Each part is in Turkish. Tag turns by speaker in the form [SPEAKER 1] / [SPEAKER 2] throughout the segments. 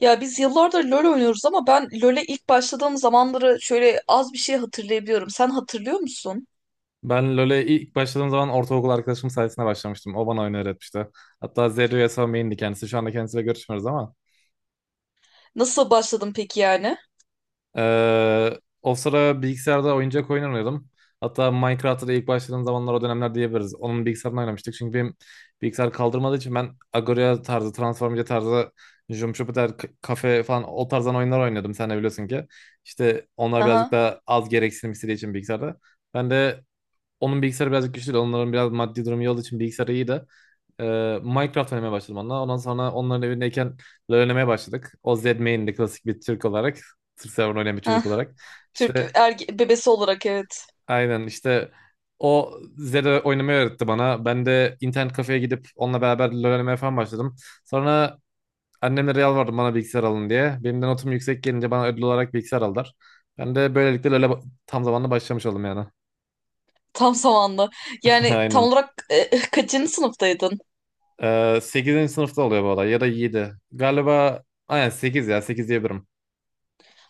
[SPEAKER 1] Ya biz yıllardır LoL oynuyoruz ama ben LoL'e ilk başladığım zamanları şöyle az bir şey hatırlayabiliyorum. Sen hatırlıyor musun?
[SPEAKER 2] Ben LoL'e ilk başladığım zaman ortaokul arkadaşım sayesinde başlamıştım. O bana oyunu öğretmişti. Hatta Zeri Yasuo main'di kendisi. Şu anda kendisiyle görüşmüyoruz ama.
[SPEAKER 1] Nasıl başladın peki yani?
[SPEAKER 2] O sıra bilgisayarda oyuncak oyun oynuyordum. Hatta Minecraft'ta da ilk başladığım zamanlar o dönemler diyebiliriz. Onun bilgisayarını oynamıştık. Çünkü benim bilgisayar kaldırmadığı için ben Agoria tarzı, Transformace tarzı, Jump Kafe falan o tarzdan oyunlar oynuyordum. Sen de biliyorsun ki. İşte onlar birazcık
[SPEAKER 1] Aha.
[SPEAKER 2] daha az gereksinim istediği için bilgisayarda. Ben de onun bilgisayarı birazcık güçlü değil. Onların biraz maddi durumu iyi olduğu için bilgisayarı iyi de. Ee, Minecraft oynamaya başladım onunla. Ondan sonra onların evindeyken LoL oynamaya başladık. O Z main'de klasik bir Türk olarak. Türk server oynayan bir
[SPEAKER 1] Heh.
[SPEAKER 2] çocuk olarak.
[SPEAKER 1] Türk
[SPEAKER 2] İşte
[SPEAKER 1] erge bebesi olarak evet.
[SPEAKER 2] aynen işte o Zed'e oynamayı öğretti bana. Ben de internet kafeye gidip onunla beraber LoL oynamaya falan başladım. Sonra annemle Real vardı bana bilgisayar alın diye. Benim de notum yüksek gelince bana ödül olarak bilgisayar aldılar. Ben de böylelikle LoL'e tam zamanlı başlamış oldum yani.
[SPEAKER 1] Tam zamanlı. Yani tam
[SPEAKER 2] Aynen.
[SPEAKER 1] olarak kaçıncı sınıftaydın?
[SPEAKER 2] 8. sınıfta oluyor bu olay ya da 7. Galiba aynen 8 ya 8 diyebilirim.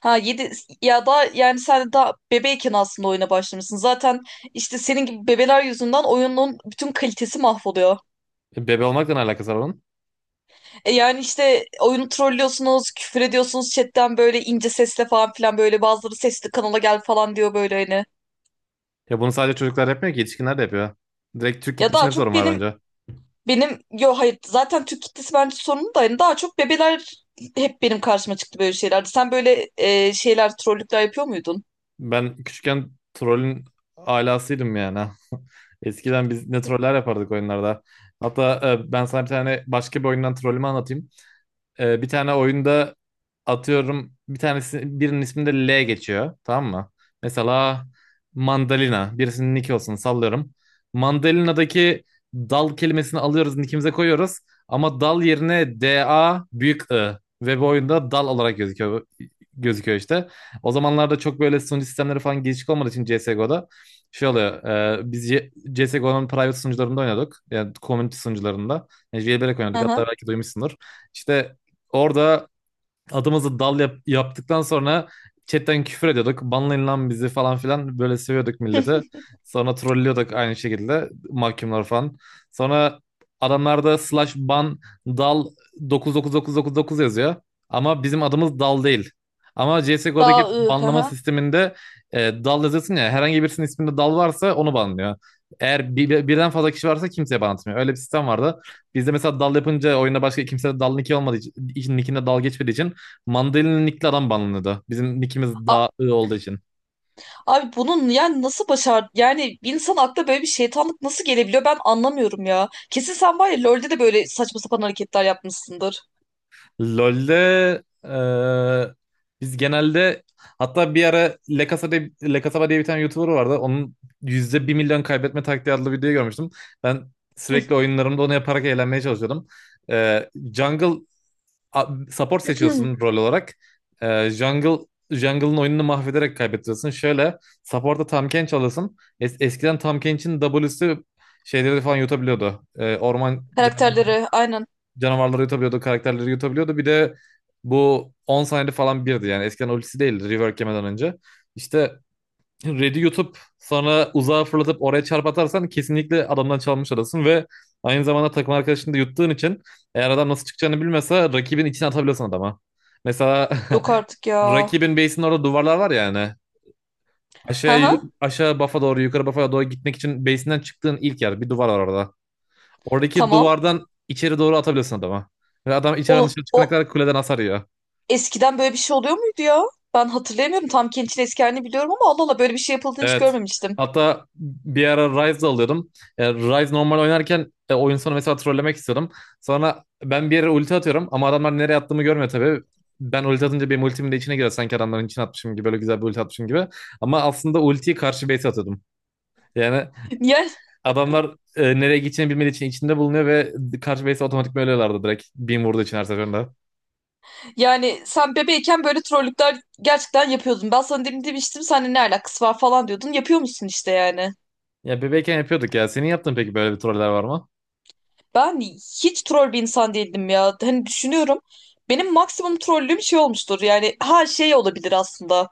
[SPEAKER 1] Ha 7 ya da yani sen daha bebeyken aslında oyuna başlamışsın. Zaten işte senin gibi bebeler yüzünden oyunun bütün kalitesi mahvoluyor.
[SPEAKER 2] Bebe olmakla ne alakası var onun?
[SPEAKER 1] E yani işte oyunu trollüyorsunuz, küfür ediyorsunuz chatten böyle ince sesle falan filan, böyle bazıları sesli kanala gel falan diyor böyle hani.
[SPEAKER 2] Ya bunu sadece çocuklar yapmıyor ki yetişkinler de yapıyor. Direkt Türk
[SPEAKER 1] Ya
[SPEAKER 2] kitlesinde
[SPEAKER 1] daha
[SPEAKER 2] bir
[SPEAKER 1] çok
[SPEAKER 2] sorun var
[SPEAKER 1] benim
[SPEAKER 2] bence.
[SPEAKER 1] benim yo, hayır, zaten Türk kitlesi bence sorunlu da hani daha çok bebeler hep benim karşıma çıktı böyle şeylerde. Sen böyle şeyler, trollükler yapıyor muydun?
[SPEAKER 2] Ben küçükken trollün alasıydım yani. Eskiden biz ne troller yapardık oyunlarda. Hatta ben sana bir tane başka bir oyundan trollümü anlatayım. Bir tane oyunda atıyorum, bir tanesi birinin isminde L geçiyor, tamam mı? Mesela mandalina birisinin nick olsun, sallıyorum. Mandalina'daki dal kelimesini alıyoruz, nickimize koyuyoruz ama dal yerine DA büyük I, ve bu oyunda dal olarak gözüküyor işte. O zamanlarda çok böyle sunucu sistemleri falan gelişik olmadığı için CSGO'da şey oluyor. Biz CSGO'nun private sunucularında oynadık. Yani community sunucularında. Yani jailbreak oynadık.
[SPEAKER 1] Hı
[SPEAKER 2] Hatta
[SPEAKER 1] hı.
[SPEAKER 2] belki duymuşsundur. İşte orada adımızı dal yaptıktan sonra chatten küfür ediyorduk. Banlayın lan bizi falan filan, böyle seviyorduk milleti. Sonra trollüyorduk aynı şekilde, mahkumlar falan. Sonra adamlarda slash ban dal 99999 yazıyor. Ama bizim adımız dal değil. Ama CSGO'daki
[SPEAKER 1] Daha ı hı
[SPEAKER 2] banlama
[SPEAKER 1] hı.
[SPEAKER 2] sisteminde e, dal yazıyorsun ya, herhangi birisinin isminde dal varsa onu banlıyor. Eğer birden fazla kişi varsa kimseye ban atmıyor. Öyle bir sistem vardı. Bizde mesela dal yapınca oyunda başka kimse de dal nicki olmadığı için, nickinde dal geçmediği için Mandalina nickli adam banlanıyordu. Bizim nickimiz
[SPEAKER 1] A-
[SPEAKER 2] daha ı olduğu için.
[SPEAKER 1] Abi bunun yani nasıl başar, yani bir insan aklına böyle bir şeytanlık nasıl gelebiliyor, ben anlamıyorum ya. Kesin sen var ya LoL'de de böyle saçma sapan hareketler yapmışsındır.
[SPEAKER 2] LoL'de biz genelde, hatta bir ara Le Casa de, Le Casaba diye bir tane YouTuber vardı. Onun %1.000.000 kaybetme taktiği adlı videoyu görmüştüm. Ben sürekli oyunlarımda onu yaparak eğlenmeye çalışıyordum. Jungle support seçiyorsun rol olarak. Ee, jungle Jungle'ın oyununu mahvederek kaybettiriyorsun. Şöyle support'a Tahm çalasın. Eskiden Tahm Kench'in W'si şeyleri falan yutabiliyordu. Orman
[SPEAKER 1] Karakterleri aynen.
[SPEAKER 2] canavarları yutabiliyordu, karakterleri yutabiliyordu. Bir de bu 10 saniyede falan birdi yani. Eskiden ultisi değildi rework yemeden önce. İşte Red'i yutup sonra uzağa fırlatıp oraya çarp atarsan kesinlikle adamdan çalmış olasın, ve aynı zamanda takım arkadaşını da yuttuğun için eğer adam nasıl çıkacağını bilmese rakibin içine atabiliyorsun adama. Mesela
[SPEAKER 1] Yok artık ya.
[SPEAKER 2] rakibin base'inin orada duvarlar var ya hani.
[SPEAKER 1] Hı
[SPEAKER 2] Aşağı,
[SPEAKER 1] hı.
[SPEAKER 2] aşağı bafa doğru, yukarı bafa doğru gitmek için base'inden çıktığın ilk yer bir duvar var orada. Oradaki
[SPEAKER 1] Tamam.
[SPEAKER 2] duvardan içeri doğru atabiliyorsun adama. Ve adam
[SPEAKER 1] O,
[SPEAKER 2] içeriden dışarı
[SPEAKER 1] o
[SPEAKER 2] çıkana kadar kuleden hasar yiyor.
[SPEAKER 1] eskiden böyle bir şey oluyor muydu ya? Ben hatırlayamıyorum. Tam Kent'in eski halini biliyorum ama Allah Allah, böyle bir şey yapıldığını hiç
[SPEAKER 2] Evet.
[SPEAKER 1] görmemiştim.
[SPEAKER 2] Hatta bir ara Rise alıyordum. Rise normal oynarken oyun sonu mesela trollemek istiyordum. Sonra ben bir yere ulti atıyorum ama adamlar nereye attığımı görmüyor tabii. Ben ulti atınca benim ultimin de içine giriyor. Sanki adamların içine atmışım gibi, böyle güzel bir ulti atmışım gibi. Ama aslında ultiyi karşı base atıyordum. Yani
[SPEAKER 1] Yani
[SPEAKER 2] adamlar nereye gideceğini bilmediği için içinde bulunuyor ve karşı base otomatik ölüyorlardı direkt. Beam vurduğu için her seferinde.
[SPEAKER 1] Yani sen bebeğken böyle trollükler gerçekten yapıyordun. Ben sana demin demiştim seninle ne alakası var falan diyordun. Yapıyor musun işte yani.
[SPEAKER 2] Ya bebekken yapıyorduk ya. Senin yaptığın peki böyle bir troller var mı?
[SPEAKER 1] Ben hiç troll bir insan değildim ya. Hani düşünüyorum. Benim maksimum trollüm şey olmuştur. Yani her şey olabilir aslında.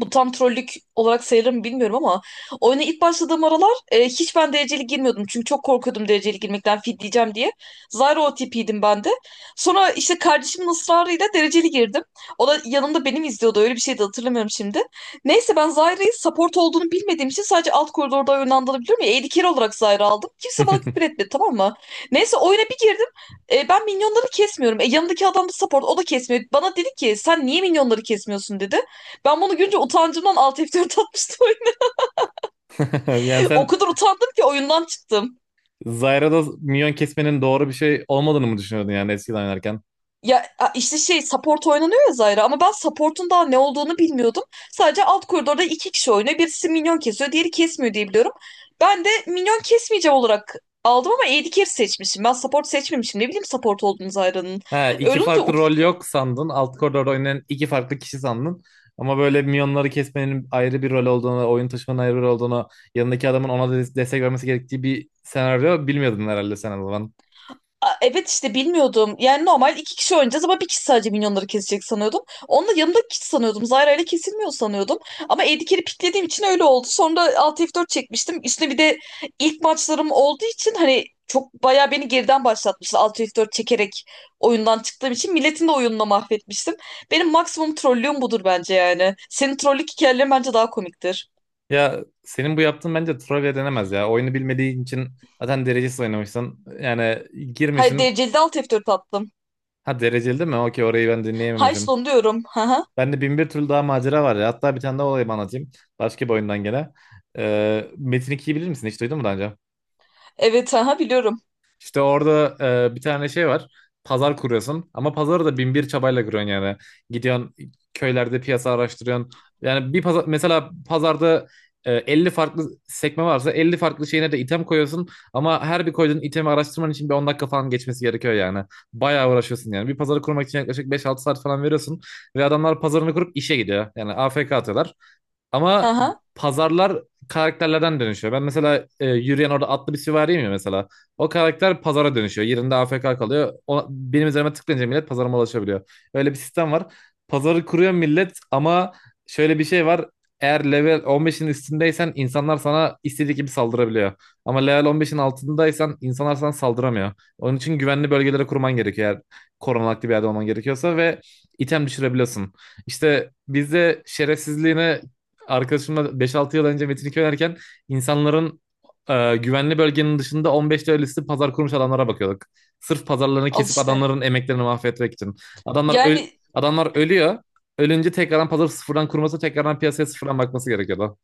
[SPEAKER 1] Bu tam trollük olarak sayılır mı bilmiyorum ama oyuna ilk başladığım aralar hiç ben dereceli girmiyordum. Çünkü çok korkuyordum dereceli girmekten, fidleyeceğim diye. Zyro OTP'ydim ben de. Sonra işte kardeşimin ısrarıyla dereceli girdim. O da yanımda benim izliyordu, öyle bir şey de hatırlamıyorum şimdi. Neyse, ben Zyra'yı support olduğunu bilmediğim için sadece alt koridorda oynandığını biliyorum ya. AD carry olarak Zyra aldım. Kimse bana küfür etmedi, tamam mı? Neyse, oyuna bir girdim. Ben minyonları kesmiyorum. Yanındaki adam da support, o da kesmiyor. Bana dedi ki sen niye minyonları kesmiyorsun dedi. Ben bunu görünce utancımdan alt F4 atmıştım.
[SPEAKER 2] Yani
[SPEAKER 1] O
[SPEAKER 2] sen
[SPEAKER 1] kadar utandım ki oyundan çıktım.
[SPEAKER 2] Zyra'da minyon kesmenin doğru bir şey olmadığını mı düşünüyordun yani eskiden oynarken?
[SPEAKER 1] Ya işte şey, support oynanıyor ya Zyra, ama ben support'un daha ne olduğunu bilmiyordum. Sadece alt koridorda iki kişi oynuyor. Birisi minyon kesiyor, diğeri kesmiyor diye biliyorum. Ben de minyon kesmeyeceğim olarak aldım ama AD carry seçmişim. Ben support seçmemişim. Ne bileyim support olduğunu Zyra'nın.
[SPEAKER 2] He, iki
[SPEAKER 1] Öyle olunca
[SPEAKER 2] farklı rol yok sandın. Alt koridorda oynayan iki farklı kişi sandın. Ama böyle minyonları kesmenin ayrı bir rol olduğunu, oyun taşımanın ayrı bir rol olduğunu, yanındaki adamın ona destek vermesi gerektiği bir senaryo bilmiyordun herhalde sen o zaman.
[SPEAKER 1] Evet işte bilmiyordum. Yani normal iki kişi oynayacağız ama bir kişi sadece minyonları kesecek sanıyordum. Onunla yanımdaki kişi sanıyordum. Zyra ile kesilmiyor sanıyordum. Ama Edgar'i piklediğim için öyle oldu. Sonra Alt F4 çekmiştim. Üstüne bir de ilk maçlarım olduğu için hani çok bayağı beni geriden başlatmıştı. Alt F4 çekerek oyundan çıktığım için milletin de oyununu mahvetmiştim. Benim maksimum trollüğüm budur bence yani. Senin trollük hikayelerin bence daha komiktir.
[SPEAKER 2] Ya senin bu yaptığın bence trivia denemez ya. Oyunu bilmediğin için zaten derecesiz oynamışsın. Yani
[SPEAKER 1] Hayır,
[SPEAKER 2] girmişsin.
[SPEAKER 1] dereceli de Alt F4 attım.
[SPEAKER 2] Ha, dereceli değil mi? Okey, orayı ben
[SPEAKER 1] High
[SPEAKER 2] dinleyememişim.
[SPEAKER 1] diyorum. Haha.
[SPEAKER 2] Bende bin bir türlü daha macera var ya. Hatta bir tane daha olayı anlatayım. Başka bir oyundan gene. Metin 2'yi bilir misin? Hiç duydun mu daha önce?
[SPEAKER 1] Evet, haha, biliyorum.
[SPEAKER 2] İşte orada bir tane şey var. Pazar kuruyorsun ama pazarı da bin bir çabayla kuruyorsun yani. Gidiyorsun köylerde piyasa araştırıyorsun. Yani bir pazar, mesela pazarda 50 farklı sekme varsa 50 farklı şeyine de item koyuyorsun. Ama her bir koyduğun itemi araştırman için bir 10 dakika falan geçmesi gerekiyor yani. Bayağı uğraşıyorsun yani. Bir pazarı kurmak için yaklaşık 5-6 saat falan veriyorsun. Ve adamlar pazarını kurup işe gidiyor. Yani AFK atıyorlar.
[SPEAKER 1] Hı
[SPEAKER 2] Ama
[SPEAKER 1] hı,
[SPEAKER 2] pazarlar karakterlerden dönüşüyor. Ben mesela yürüyen orada atlı bir süvariyim ya mesela. O karakter pazara dönüşüyor. Yerinde AFK kalıyor. O, benim üzerime tıklayınca millet pazarıma ulaşabiliyor. Öyle bir sistem var. Pazarı kuruyor millet ama şöyle bir şey var. Eğer level 15'in üstündeysen insanlar sana istediği gibi saldırabiliyor. Ama level 15'in altındaysan insanlar sana saldıramıyor. Onun için güvenli bölgelere kurman gerekiyor, eğer korunaklı bir yerde olman gerekiyorsa, ve item düşürebiliyorsun. İşte bizde şerefsizliğine arkadaşımla 5-6 yıl önce Metin 2 oynarken insanların güvenli bölgenin dışında 15 lirası pazar kurmuş adamlara bakıyorduk. Sırf pazarlarını
[SPEAKER 1] al
[SPEAKER 2] kesip
[SPEAKER 1] işte.
[SPEAKER 2] adamların emeklerini mahvetmek için. Adamlar öl
[SPEAKER 1] Yani
[SPEAKER 2] adamlar ölüyor. Ölünce tekrardan pazar sıfırdan kurması, tekrardan piyasaya sıfırdan bakması gerekiyordu.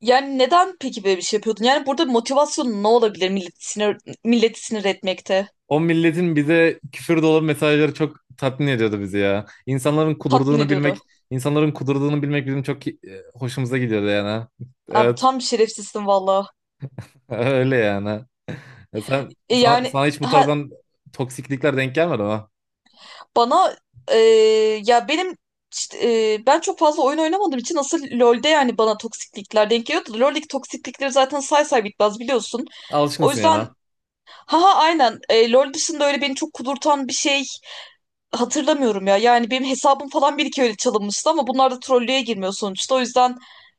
[SPEAKER 1] yani neden peki böyle bir şey yapıyordun? Yani burada motivasyon ne olabilir milleti sinir etmekte?
[SPEAKER 2] O milletin bize küfür dolu mesajları çok tatmin ediyordu bizi ya.
[SPEAKER 1] Tatmin ediyordu.
[SPEAKER 2] İnsanların kudurduğunu bilmek bizim çok hoşumuza gidiyordu yani.
[SPEAKER 1] Abi tam şerefsizsin valla.
[SPEAKER 2] Evet, öyle yani. Ya
[SPEAKER 1] E yani
[SPEAKER 2] sana hiç bu
[SPEAKER 1] ha,
[SPEAKER 2] tarzdan toksiklikler denk gelmedi ama.
[SPEAKER 1] bana e, ya benim işte, ben çok fazla oyun oynamadığım için asıl LoL'de yani bana toksiklikler denk geliyordu. LoL'deki toksiklikleri zaten say say bitmez, biliyorsun. O
[SPEAKER 2] Alışkınsın yani
[SPEAKER 1] yüzden
[SPEAKER 2] ha.
[SPEAKER 1] ha ha aynen, LoL dışında öyle beni çok kudurtan bir şey hatırlamıyorum ya. Yani benim hesabım falan bir iki öyle çalınmıştı ama bunlar da trollüğe girmiyor sonuçta. O yüzden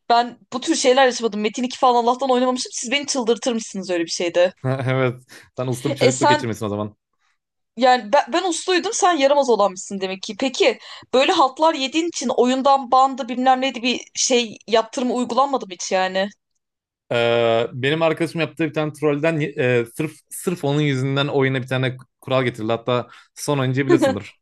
[SPEAKER 1] ben bu tür şeyler yaşamadım. Metin 2 falan Allah'tan oynamamışım. Siz beni çıldırtır mısınız öyle bir şeyde?
[SPEAKER 2] Evet. Sen usta bir
[SPEAKER 1] E
[SPEAKER 2] çocukluk
[SPEAKER 1] sen
[SPEAKER 2] geçirmesin o zaman.
[SPEAKER 1] Yani ben, usluydum, sen yaramaz olanmışsın demek ki. Peki böyle haltlar yediğin için oyundan bandı bilmem neydi bir şey, yaptırımı uygulanmadı mı hiç yani?
[SPEAKER 2] Benim arkadaşım yaptığı bir tane trollden sırf onun yüzünden oyuna bir tane kural getirildi. Hatta son oyuncuyu biliyorsundur.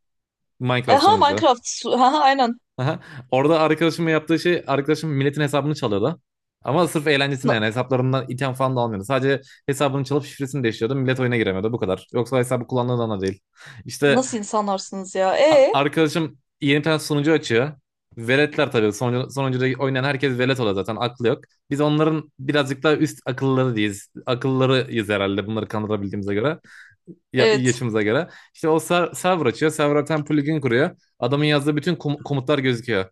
[SPEAKER 2] Minecraft
[SPEAKER 1] Ha,
[SPEAKER 2] son oyuncusu.
[SPEAKER 1] Minecraft. Ha ha, aynen.
[SPEAKER 2] Aha. Orada arkadaşımın yaptığı şey arkadaşım milletin hesabını çalıyordu. Ama sırf eğlencesine
[SPEAKER 1] Na-
[SPEAKER 2] yani, hesaplarından item falan da almıyordu. Sadece hesabını çalıp şifresini değiştiriyordu. Millet oyuna giremiyordu bu kadar. Yoksa hesabı kullandığından da değil. İşte
[SPEAKER 1] Nasıl insanlarsınız ya?
[SPEAKER 2] Arkadaşım yeni bir tane sunucu açıyor. Veletler tabii. Sunucuda oynayan herkes velet oluyor zaten. Aklı yok. Biz onların birazcık daha üst akılları değiliz. Akıllarıyız herhalde, bunları kandırabildiğimize göre
[SPEAKER 1] Evet.
[SPEAKER 2] yaşımıza göre. İşte o server açıyor. Server'a bir plugin kuruyor. Adamın yazdığı bütün komutlar gözüküyor.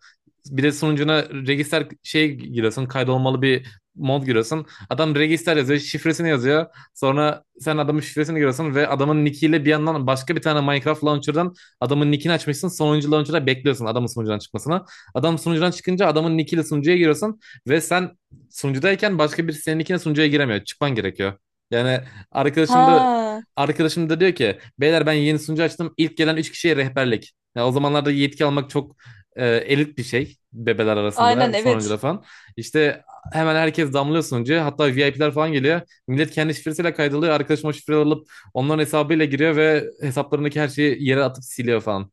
[SPEAKER 2] Bir de sunucuna register şey giriyorsun. Kaydolmalı bir mod giriyorsun. Adam register yazıyor. Şifresini yazıyor. Sonra sen adamın şifresini giriyorsun ve adamın nickiyle bir yandan başka bir tane Minecraft launcher'dan adamın nickini açmışsın. Sonuncu launcher'da bekliyorsun adamın sunucudan çıkmasını. Adam sunucudan çıkınca adamın nickiyle sunucuya giriyorsun ve sen sunucudayken başka birisi senin nickine sunucuya giremiyor. Çıkman gerekiyor. Yani arkadaşım da
[SPEAKER 1] Ha
[SPEAKER 2] arkadaşım da diyor ki beyler, ben yeni sunucu açtım. İlk gelen 3 kişiye rehberlik. Ya o zamanlarda yetki almak çok elit bir şey bebeler
[SPEAKER 1] aynen,
[SPEAKER 2] arasında sonuncuda
[SPEAKER 1] evet.
[SPEAKER 2] falan. İşte hemen herkes damlıyor sunucuya. Hatta VIP'ler falan geliyor. Millet kendi şifresiyle kaydoluyor. Arkadaşım o şifreleri alıp onların hesabıyla giriyor ve hesaplarındaki her şeyi yere atıp siliyor falan.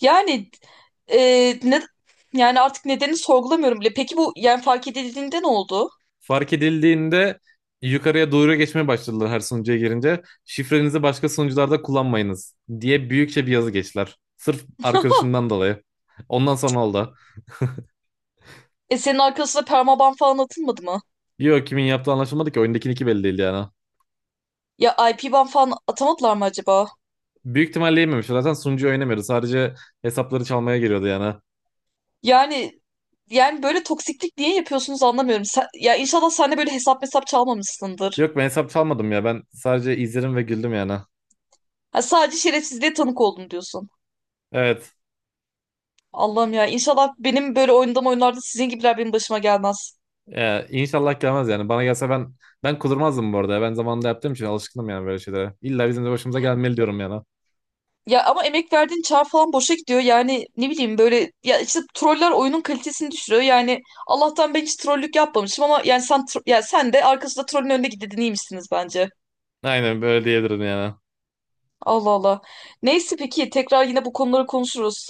[SPEAKER 1] Yani e, ne yani, artık nedenini sorgulamıyorum bile. Peki bu yani fark edildiğinde ne oldu?
[SPEAKER 2] Fark edildiğinde yukarıya doğru geçmeye başladılar her sunucuya girince. Şifrenizi başka sunucularda kullanmayınız diye büyükçe bir yazı geçtiler. Sırf arkadaşından dolayı. Ondan sonra oldu.
[SPEAKER 1] E senin arkasına permaban falan atılmadı mı?
[SPEAKER 2] Yok, kimin yaptığı anlaşılmadı ki oyundakinin iki belli değil yani.
[SPEAKER 1] Ya IP ban falan atamadılar mı acaba?
[SPEAKER 2] Büyük ihtimalle yememiş. Zaten sunucu oynamıyordu. Sadece hesapları çalmaya geliyordu yani.
[SPEAKER 1] Yani yani böyle toksiklik niye yapıyorsunuz anlamıyorum. Ya inşallah sen de böyle hesap hesap çalmamışsındır.
[SPEAKER 2] Yok, ben hesap çalmadım ya. Ben sadece izledim ve güldüm yani.
[SPEAKER 1] Ha, sadece şerefsizliğe tanık oldum diyorsun.
[SPEAKER 2] Evet.
[SPEAKER 1] Allah'ım ya, inşallah benim böyle oynadığım oyunlarda sizin gibiler benim başıma gelmez.
[SPEAKER 2] Ya, inşallah gelmez yani. Bana gelse ben kudurmazdım bu arada, ya. Ben zamanında yaptığım için alışkınım yani böyle şeylere. İlla bizim de başımıza gelmeli diyorum yani.
[SPEAKER 1] Ya ama emek verdiğin çağ falan boşa gidiyor. Yani ne bileyim, böyle ya işte troller oyunun kalitesini düşürüyor. Yani Allah'tan ben hiç trollük yapmamışım ama yani ya sen de arkasında trollün önünde gidedin, iyiymişsiniz bence.
[SPEAKER 2] Aynen böyle diyebilirim yani.
[SPEAKER 1] Allah Allah. Neyse, peki tekrar yine bu konuları konuşuruz.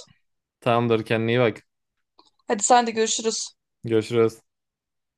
[SPEAKER 2] Tamamdır, kendine iyi bak.
[SPEAKER 1] Hadi sen de, görüşürüz.
[SPEAKER 2] Görüşürüz.